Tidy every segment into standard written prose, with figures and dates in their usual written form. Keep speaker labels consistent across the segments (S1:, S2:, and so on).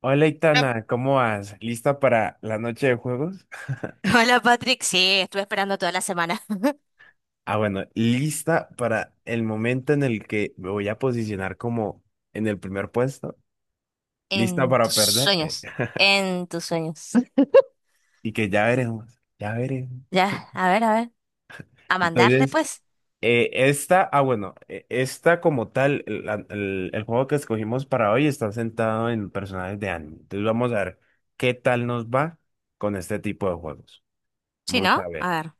S1: Hola,
S2: Ah,
S1: Itana, ¿cómo vas? ¿Lista para la noche de juegos?
S2: Hola Patrick, sí, estuve esperando toda la semana.
S1: Ah, bueno, lista para el momento en el que me voy a posicionar como en el primer puesto. Lista
S2: En
S1: para
S2: tus
S1: perder
S2: sueños, en tus sueños.
S1: y que ya veremos, ya veremos.
S2: Ya, a ver, a ver. A mandarle
S1: Entonces,
S2: pues.
S1: esta, ah, bueno, esta como tal, el juego que escogimos para hoy está sentado en personajes de anime. Entonces, vamos a ver qué tal nos va con este tipo de juegos.
S2: Sí,
S1: Vamos
S2: ¿no?
S1: a
S2: A
S1: ver.
S2: ver.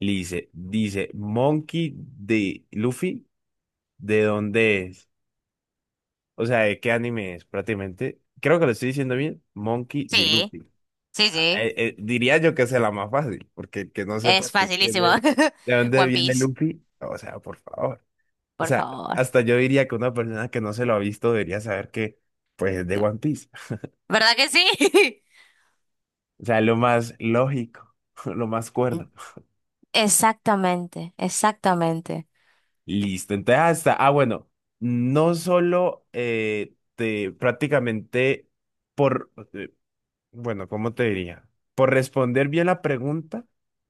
S1: Dice Monkey de Luffy. ¿De dónde es? O sea, ¿de qué anime es prácticamente? Creo que lo estoy diciendo bien. Monkey D.
S2: Sí,
S1: Luffy.
S2: sí,
S1: Ah,
S2: sí.
S1: diría yo que es la más fácil, porque el que no sepa
S2: Es facilísimo.
S1: de dónde
S2: One
S1: viene
S2: Piece,
S1: Luffy, o sea, por favor. O
S2: por
S1: sea,
S2: favor.
S1: hasta yo diría que una persona que no se lo ha visto debería saber que, pues, es de One Piece.
S2: ¿Verdad que sí?
S1: O sea, lo más lógico, lo más cuerdo.
S2: Exactamente, exactamente.
S1: Listo, entonces hasta, ah, bueno, no solo te prácticamente por, bueno, ¿cómo te diría? Por responder bien la pregunta,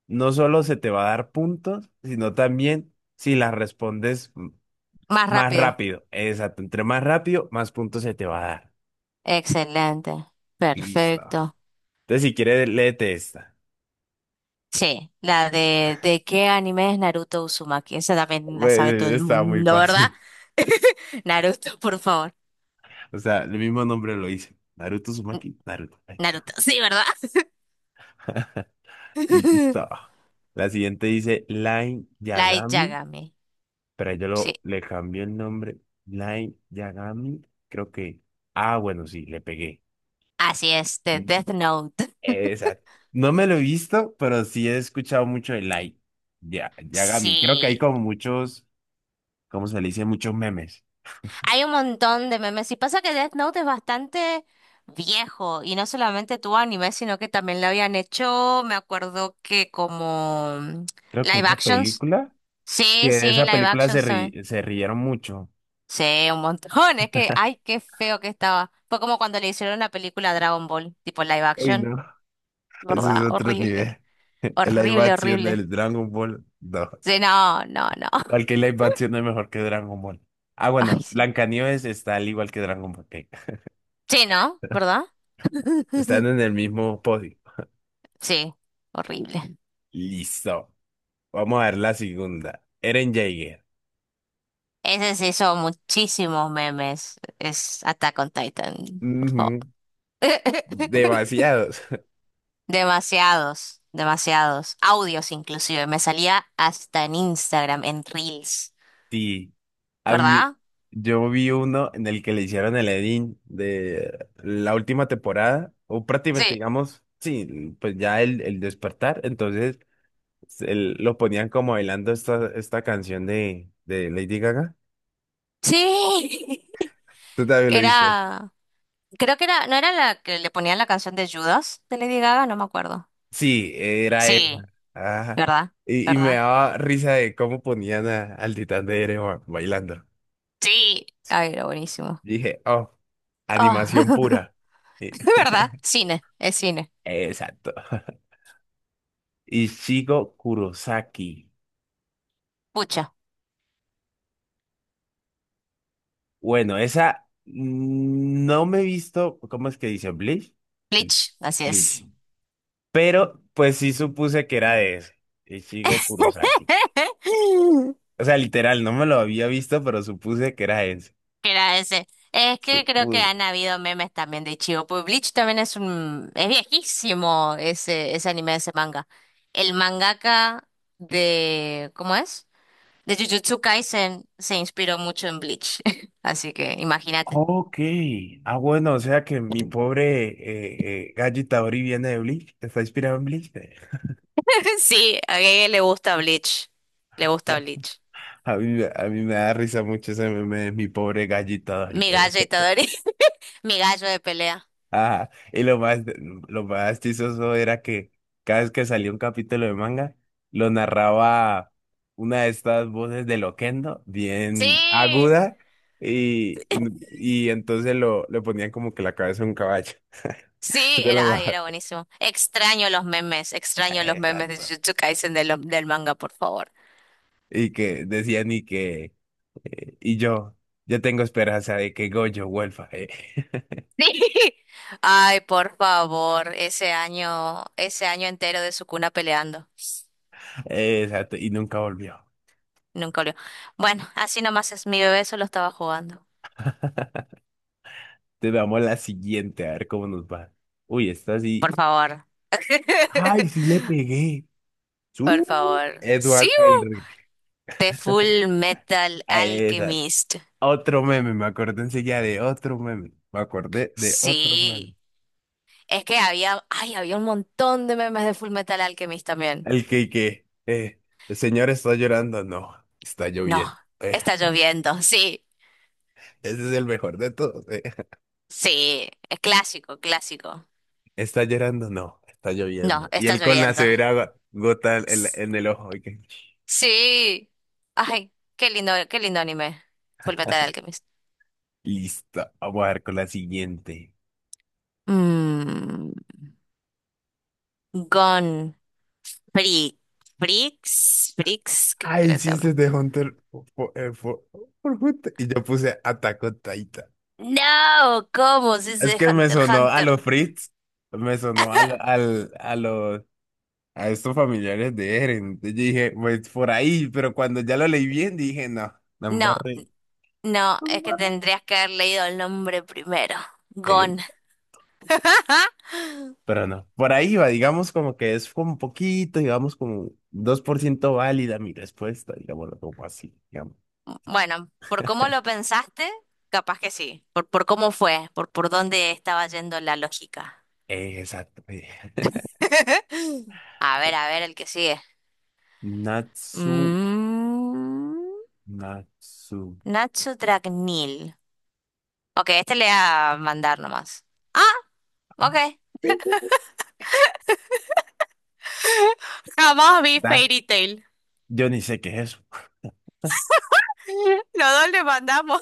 S1: no solo se te va a dar puntos, sino también si la respondes
S2: Más
S1: más
S2: rápido.
S1: rápido. Exacto, entre más rápido, más puntos se te va a dar.
S2: Excelente.
S1: Listo.
S2: Perfecto.
S1: Entonces, si quieres, léete esta.
S2: Sí, la de qué anime es Naruto Uzumaki. Esa también la sabe todo
S1: Bueno,
S2: el
S1: está muy
S2: mundo, ¿verdad?
S1: fácil.
S2: Naruto, por favor.
S1: O sea, el mismo nombre lo dice. Naruto Uzumaki, Naruto.
S2: Naruto, sí, ¿verdad?
S1: Listo. La siguiente dice Line
S2: Light
S1: Yagami.
S2: Yagami.
S1: Pero ahí yo
S2: Sí,
S1: le cambié el nombre. Light Yagami, creo que. Ah, bueno, sí, le pegué.
S2: así es, de
S1: Mm,
S2: Death Note.
S1: exacto. No me lo he visto, pero sí he escuchado mucho de Light Ya, Yagami. Creo que hay
S2: Sí,
S1: como muchos, ¿cómo se le dice? Muchos memes.
S2: hay un montón de memes. Y pasa que Death Note es bastante viejo y no solamente tuvo anime, sino que también lo habían hecho, me acuerdo que
S1: Creo que
S2: live
S1: una
S2: actions.
S1: película, que
S2: Sí,
S1: de
S2: sí,
S1: esa
S2: live
S1: película se,
S2: actions también.
S1: ri- se rieron mucho.
S2: Sí, un montón. Es que, ay, qué feo que estaba. Fue como cuando le hicieron la película Dragon Ball, tipo live
S1: Uy,
S2: action,
S1: no. Eso es
S2: ¿verdad?
S1: otro
S2: Horrible.
S1: nivel. La
S2: Horrible,
S1: animación
S2: horrible.
S1: del Dragon Ball. No.
S2: Sí, no, no, no.
S1: Cualquier live action es mejor que Dragon Ball. Ah,
S2: Ay,
S1: bueno,
S2: sí.
S1: Blancanieves está al igual que Dragon Ball. Ok.
S2: Sí, ¿no? ¿Verdad?
S1: Están en el mismo podio.
S2: Sí, horrible.
S1: Listo. Vamos a ver la segunda. Eren Jaeger.
S2: Ese se hizo muchísimos memes. Es Attack on Titan, por favor.
S1: Ujú. Demasiados.
S2: Demasiados, demasiados. Audios inclusive. Me salía hasta en Instagram, en Reels,
S1: Sí. A mí,
S2: ¿verdad?
S1: yo vi uno en el que le hicieron el edit de la última temporada, o prácticamente,
S2: Sí.
S1: digamos, sí, pues ya el despertar. Entonces, lo ponían como bailando esta canción de Lady Gaga.
S2: Sí.
S1: ¿Tú también lo viste?
S2: Era, creo que era, no era la que le ponían la canción de Judas de Lady Gaga, no me acuerdo.
S1: Sí, era
S2: Sí,
S1: esa. Ajá.
S2: ¿verdad?
S1: Y me
S2: ¿Verdad?
S1: daba risa de cómo ponían al titán de Erebor bailando.
S2: Sí. Ay, era buenísimo.
S1: Dije, oh, animación
S2: Oh,
S1: pura. Y-
S2: ¿verdad? Cine, es cine.
S1: exacto. Ichigo Kurosaki.
S2: Pucha,
S1: Bueno, esa, no me he visto, ¿cómo es que dice? ¿Bleach? Bl-
S2: Bleach, así es.
S1: Bleach. Pero pues sí supuse que era de ese, Ichigo Kurosaki. O sea, literal, no me lo había visto, pero supuse que era ese.
S2: Que era ese. Es que creo que
S1: Supuse.
S2: han habido memes también de Ichigo. Pues Bleach también es un, es viejísimo ese, ese anime, ese manga. El mangaka de, ¿cómo es? De Jujutsu Kaisen se inspiró mucho en Bleach, así que imagínate.
S1: Ok. Ah, bueno, o sea que mi pobre, Gallo Itadori viene de Bleach. Está inspirado en Bleach.
S2: Sí, a Gege le gusta Bleach. Le gusta Bleach.
S1: A mí me da risa mucho ese meme de mi pobre Gallo Itadori.
S2: Mi gallo Itadori, mi gallo de pelea.
S1: Ajá. Y lo más chistoso era que cada vez que salía un capítulo de manga, lo narraba una de estas voces de Loquendo, bien
S2: Sí,
S1: aguda, y, y entonces le ponían como que la cabeza de un caballo.
S2: sí,
S1: De lo
S2: era,
S1: más.
S2: ay, era buenísimo. Extraño los memes de
S1: Exacto.
S2: Jujutsu Kaisen de del manga, por favor.
S1: Y que decían y que. Y yo tengo esperanza de que Goyo vuelva.
S2: Sí. Ay, por favor, ese año entero de su cuna peleando.
S1: Exacto, y nunca volvió.
S2: Nunca olvidó. Bueno, así nomás es mi bebé, solo estaba jugando.
S1: Entonces veamos la siguiente, a ver cómo nos va. Uy, esta sí.
S2: Por favor.
S1: ¡Ay, sí le pegué!
S2: Por
S1: ¡Su!
S2: favor. Sí.
S1: Edward Elric.
S2: The Full Metal
S1: Exacto.
S2: Alchemist.
S1: Otro meme, me acordé enseguida de otro meme. Me acordé de otro meme.
S2: Sí. Es que había, ay, había un montón de memes de Full Metal Alchemist también.
S1: El que, que, eh, el señor está llorando. No, está
S2: No,
S1: lloviendo. Eh,
S2: está lloviendo. Sí,
S1: ese es el mejor de todos.
S2: sí. Es clásico, clásico.
S1: Está llorando, no, está
S2: No,
S1: lloviendo. Y
S2: está
S1: él con la
S2: lloviendo.
S1: severa gota en, la-
S2: S-
S1: en el ojo. Y que.
S2: Sí. Ay, qué lindo anime. Full Metal Alchemist.
S1: Listo, vamos a ver con la siguiente.
S2: Mmm. Gone Freak. Freaks, Freaks, ¿qué
S1: Ay,
S2: creo que
S1: sí,
S2: se
S1: ese
S2: llama?
S1: es de Hunter eh, fo- por Hunter. Y yo puse Attack on Titan.
S2: No, ¿cómo se
S1: Es
S2: dice
S1: que me
S2: Hunter x
S1: sonó a
S2: Hunter?
S1: los Fritz, me sonó a estos familiares de Eren. Entonces yo dije, pues por ahí, pero cuando ya lo leí bien, dije, no, no
S2: No, no, es que tendrías que haber leído el nombre primero.
S1: me.
S2: Gon. Ajá.
S1: Pero no, por ahí va, digamos como que es como un poquito, digamos como 2% válida mi respuesta, digámoslo como así, digamos.
S2: Bueno, por cómo lo pensaste, capaz que sí. Por cómo fue, por dónde estaba yendo la lógica.
S1: Exacto.
S2: A ver, el que sigue.
S1: Natsu,
S2: Mm,
S1: Natsu.
S2: Nacho Dragnil. Ok, este le voy a mandar nomás. Ah,
S1: Ah,
S2: ok. Jamás vi
S1: ¿verdad?
S2: Fairy Tail.
S1: Yo ni sé qué es eso.
S2: Los dos le mandamos.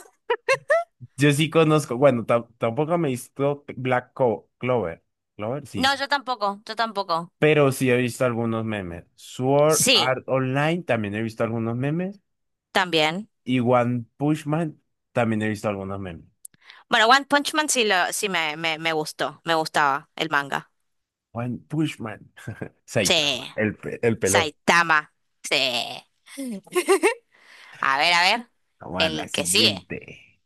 S1: Yo sí conozco, bueno, tampoco me he visto Black Clover. Clover, sí.
S2: No, yo tampoco, yo tampoco.
S1: Pero sí he visto algunos memes. Sword
S2: Sí,
S1: Art Online también he visto algunos memes.
S2: también.
S1: Y One Punch Man también he visto algunos memes.
S2: Bueno, One Punch Man sí, lo, sí me gustó, me gustaba el manga.
S1: One Punch Man.
S2: Sí,
S1: Saitama, el pelón.
S2: Saitama. Sí. A ver,
S1: Vamos a la
S2: el que sigue.
S1: siguiente.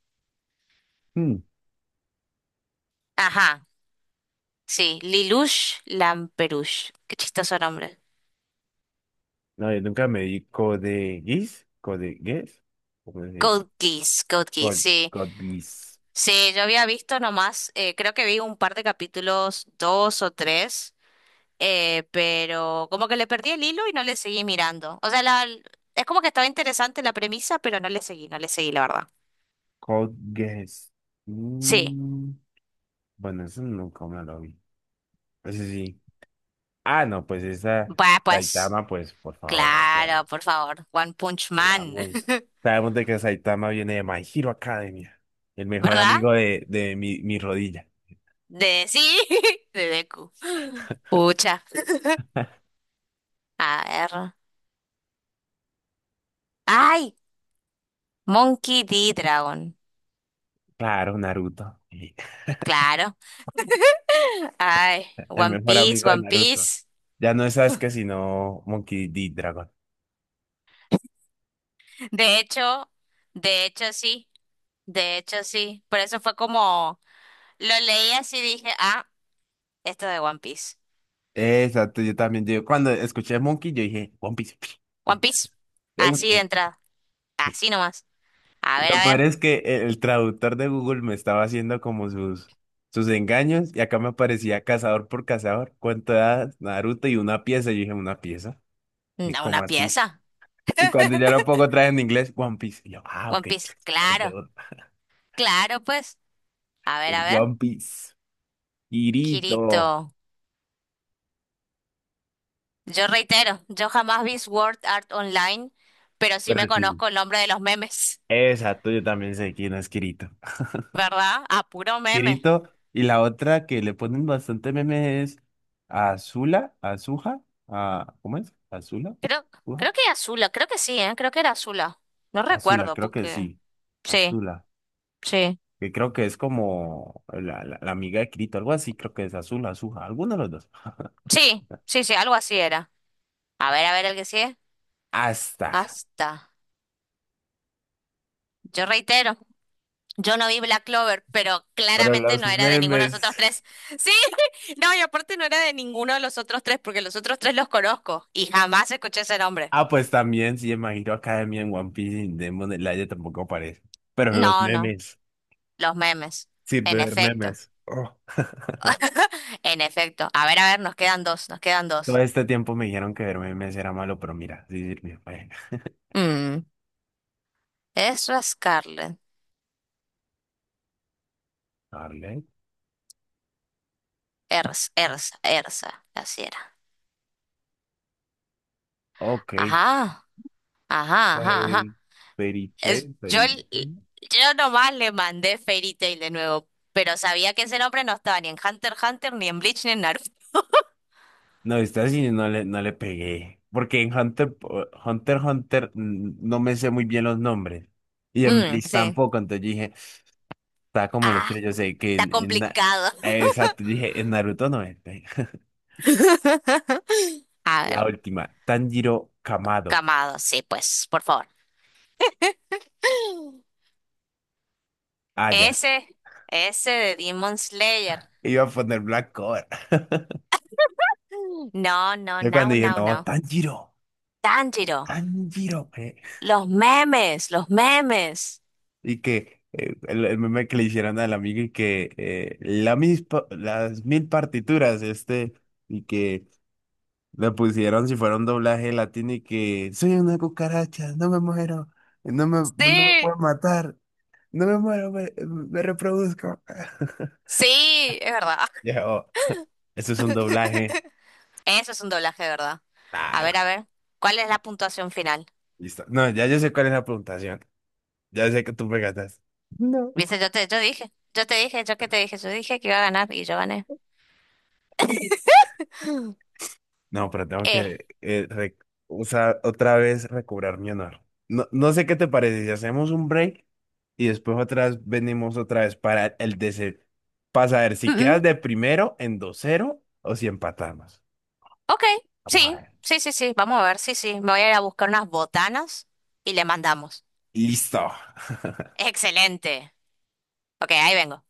S1: Hmm,
S2: Ajá, sí, Lelouch Lamperouche. Qué chistoso nombre.
S1: no, yo nunca me di Code Geass, Code Geass, ¿cómo se dice?
S2: Code Geass, Code Geass,
S1: Code,
S2: sí.
S1: Code Geass,
S2: Sí, yo había visto nomás, creo que vi un par de capítulos, dos o tres, pero como que le perdí el hilo y no le seguí mirando. O sea, la, es como que estaba interesante la premisa, pero no le seguí, no le seguí, la verdad.
S1: Code Geass.
S2: Sí,
S1: Mm, bueno, eso nunca me lo vi. Ese sí. Sí. Ah, no, pues esa
S2: va, pues,
S1: Saitama, pues por favor, o sea,
S2: claro, por favor, One Punch Man,
S1: digamos, sabemos de que Saitama viene de My Hero Academia, el mejor
S2: ¿verdad?
S1: amigo de mi rodilla.
S2: De sí, de Deku. Pucha, a ver. ¡Ay! Monkey D. Dragon,
S1: Claro, Naruto.
S2: claro. ¡Ay!
S1: El
S2: One
S1: mejor
S2: Piece,
S1: amigo de
S2: One
S1: Naruto.
S2: Piece.
S1: Ya no es Sasuke, sino Monkey D. Dragon.
S2: De hecho, de hecho sí, de hecho sí. Por eso fue como, lo leí así y dije, ah, esto de One Piece.
S1: Exacto, yo también. Yo cuando escuché Monkey, yo dije, One Piece,
S2: One Piece,
S1: de una
S2: así de
S1: vez.
S2: entrada, así nomás.
S1: Y lo
S2: A
S1: peor
S2: ver,
S1: es que el traductor de Google me estaba haciendo como sus engaños y acá me aparecía cazador por cazador. ¿Cuánto da Naruto y una pieza? Yo dije, ¿una pieza? Y
S2: da
S1: como
S2: una
S1: así.
S2: pieza.
S1: Y cuando ya lo pongo otra vez en inglés, One Piece. Y yo, ah,
S2: One
S1: ok.
S2: Piece,
S1: Es de
S2: claro.
S1: una.
S2: Claro, pues. A ver, a
S1: El
S2: ver.
S1: One Piece. Kirito.
S2: Kirito. Yo reitero, yo jamás vi Sword Art Online, pero sí
S1: Pero
S2: me
S1: sí.
S2: conozco el nombre de los memes,
S1: Exacto, yo también sé quién es Kirito.
S2: ¿verdad? A puro meme.
S1: Kirito. Y la otra que le ponen bastante memes es Azula, Azuja, a, ¿cómo es? Azula,
S2: Creo,
S1: Azuja,
S2: creo que era Azula, creo que sí, ¿eh? Creo que era Azula. No
S1: Azula,
S2: recuerdo,
S1: creo que
S2: porque...
S1: sí.
S2: Sí,
S1: Azula,
S2: sí.
S1: que creo que es como la amiga de Kirito, algo así, creo que es Azula, Azuja, alguno de los dos.
S2: Sí, sí, sí, algo así era. A ver el que sigue.
S1: Hasta.
S2: Hasta. Yo reitero. Yo no vi Black Clover, pero
S1: Pero
S2: claramente
S1: los
S2: no era de ninguno de los otros
S1: memes.
S2: tres. Sí, no, y aparte no era de ninguno de los otros tres, porque los otros tres los conozco y jamás escuché ese nombre.
S1: Ah, pues también, sí, imagino Academia en One Piece y en Demon Slayer tampoco aparece. Pero los
S2: No, no,
S1: memes.
S2: los memes.
S1: Sirve
S2: En
S1: ver
S2: efecto,
S1: memes. Oh.
S2: en efecto. A ver, nos quedan dos, nos quedan
S1: Todo
S2: dos.
S1: este tiempo me dijeron que verme mes era malo, pero mira, sí sirvió.
S2: Mm, Ezra Scarlett.
S1: Darle.
S2: Ersa, Ersa, Ersa, así era.
S1: Ok.
S2: Ajá, ajá, ajá, ajá.
S1: Pues, perite,
S2: Yo,
S1: perite.
S2: yo nomás le mandé Fairy Tail de nuevo, pero sabía que ese nombre no estaba ni en Hunter x Hunter, ni en Bleach, ni en Naruto.
S1: No, esta sí no le pegué. Porque en Hunter, Hunter, Hunter, no me sé muy bien los nombres. Y en
S2: Mm,
S1: Bleach
S2: sí.
S1: tampoco. Entonces dije, está como los
S2: Ah,
S1: tres. Yo sé que
S2: está
S1: en Na-
S2: complicado.
S1: exacto, dije, en Naruto no es.
S2: A ver,
S1: La última, Tanjiro Kamado.
S2: Camado, sí, pues, por favor.
S1: Ah, ya.
S2: Ese, ese de Demon Slayer.
S1: Iba a poner Black Clover.
S2: No, no,
S1: Yo
S2: no,
S1: cuando dije,
S2: no,
S1: no,
S2: no.
S1: Tanjiro,
S2: Tanjiro,
S1: Tanjiro.
S2: los memes, los memes.
S1: Y que el meme que le hicieron al amigo y que la mis pa- las mil partituras, y que le pusieron si fuera un doblaje latino y que soy una cucaracha, no me muero, no me
S2: Sí,
S1: puedo matar, no me muero, me reproduzco.
S2: sí, es verdad.
S1: Ya, oh, eso es un doblaje.
S2: Eso es un doblaje, de ¿verdad?
S1: Claro,
S2: A ver, ¿cuál es la puntuación final?
S1: listo. No, ya yo sé cuál es la puntuación. Ya sé que tú me ganas. No.
S2: Viste, yo te, yo dije, yo te dije, yo que te dije, yo dije que iba a ganar y yo gané.
S1: No, pero tengo
S2: Eh,
S1: que o sea, otra vez recobrar mi honor. No, no sé qué te parece si hacemos un break y después otras venimos otra vez para el DC, para saber
S2: mm,
S1: si
S2: mm,
S1: quedas de primero en 2-0 o si empatamos.
S2: ok,
S1: Vamos a
S2: sí,
S1: ver.
S2: sí, sí, sí, vamos a ver, sí, sí, me voy a ir a buscar unas botanas y le mandamos.
S1: Listo.
S2: Excelente. Ok, ahí vengo.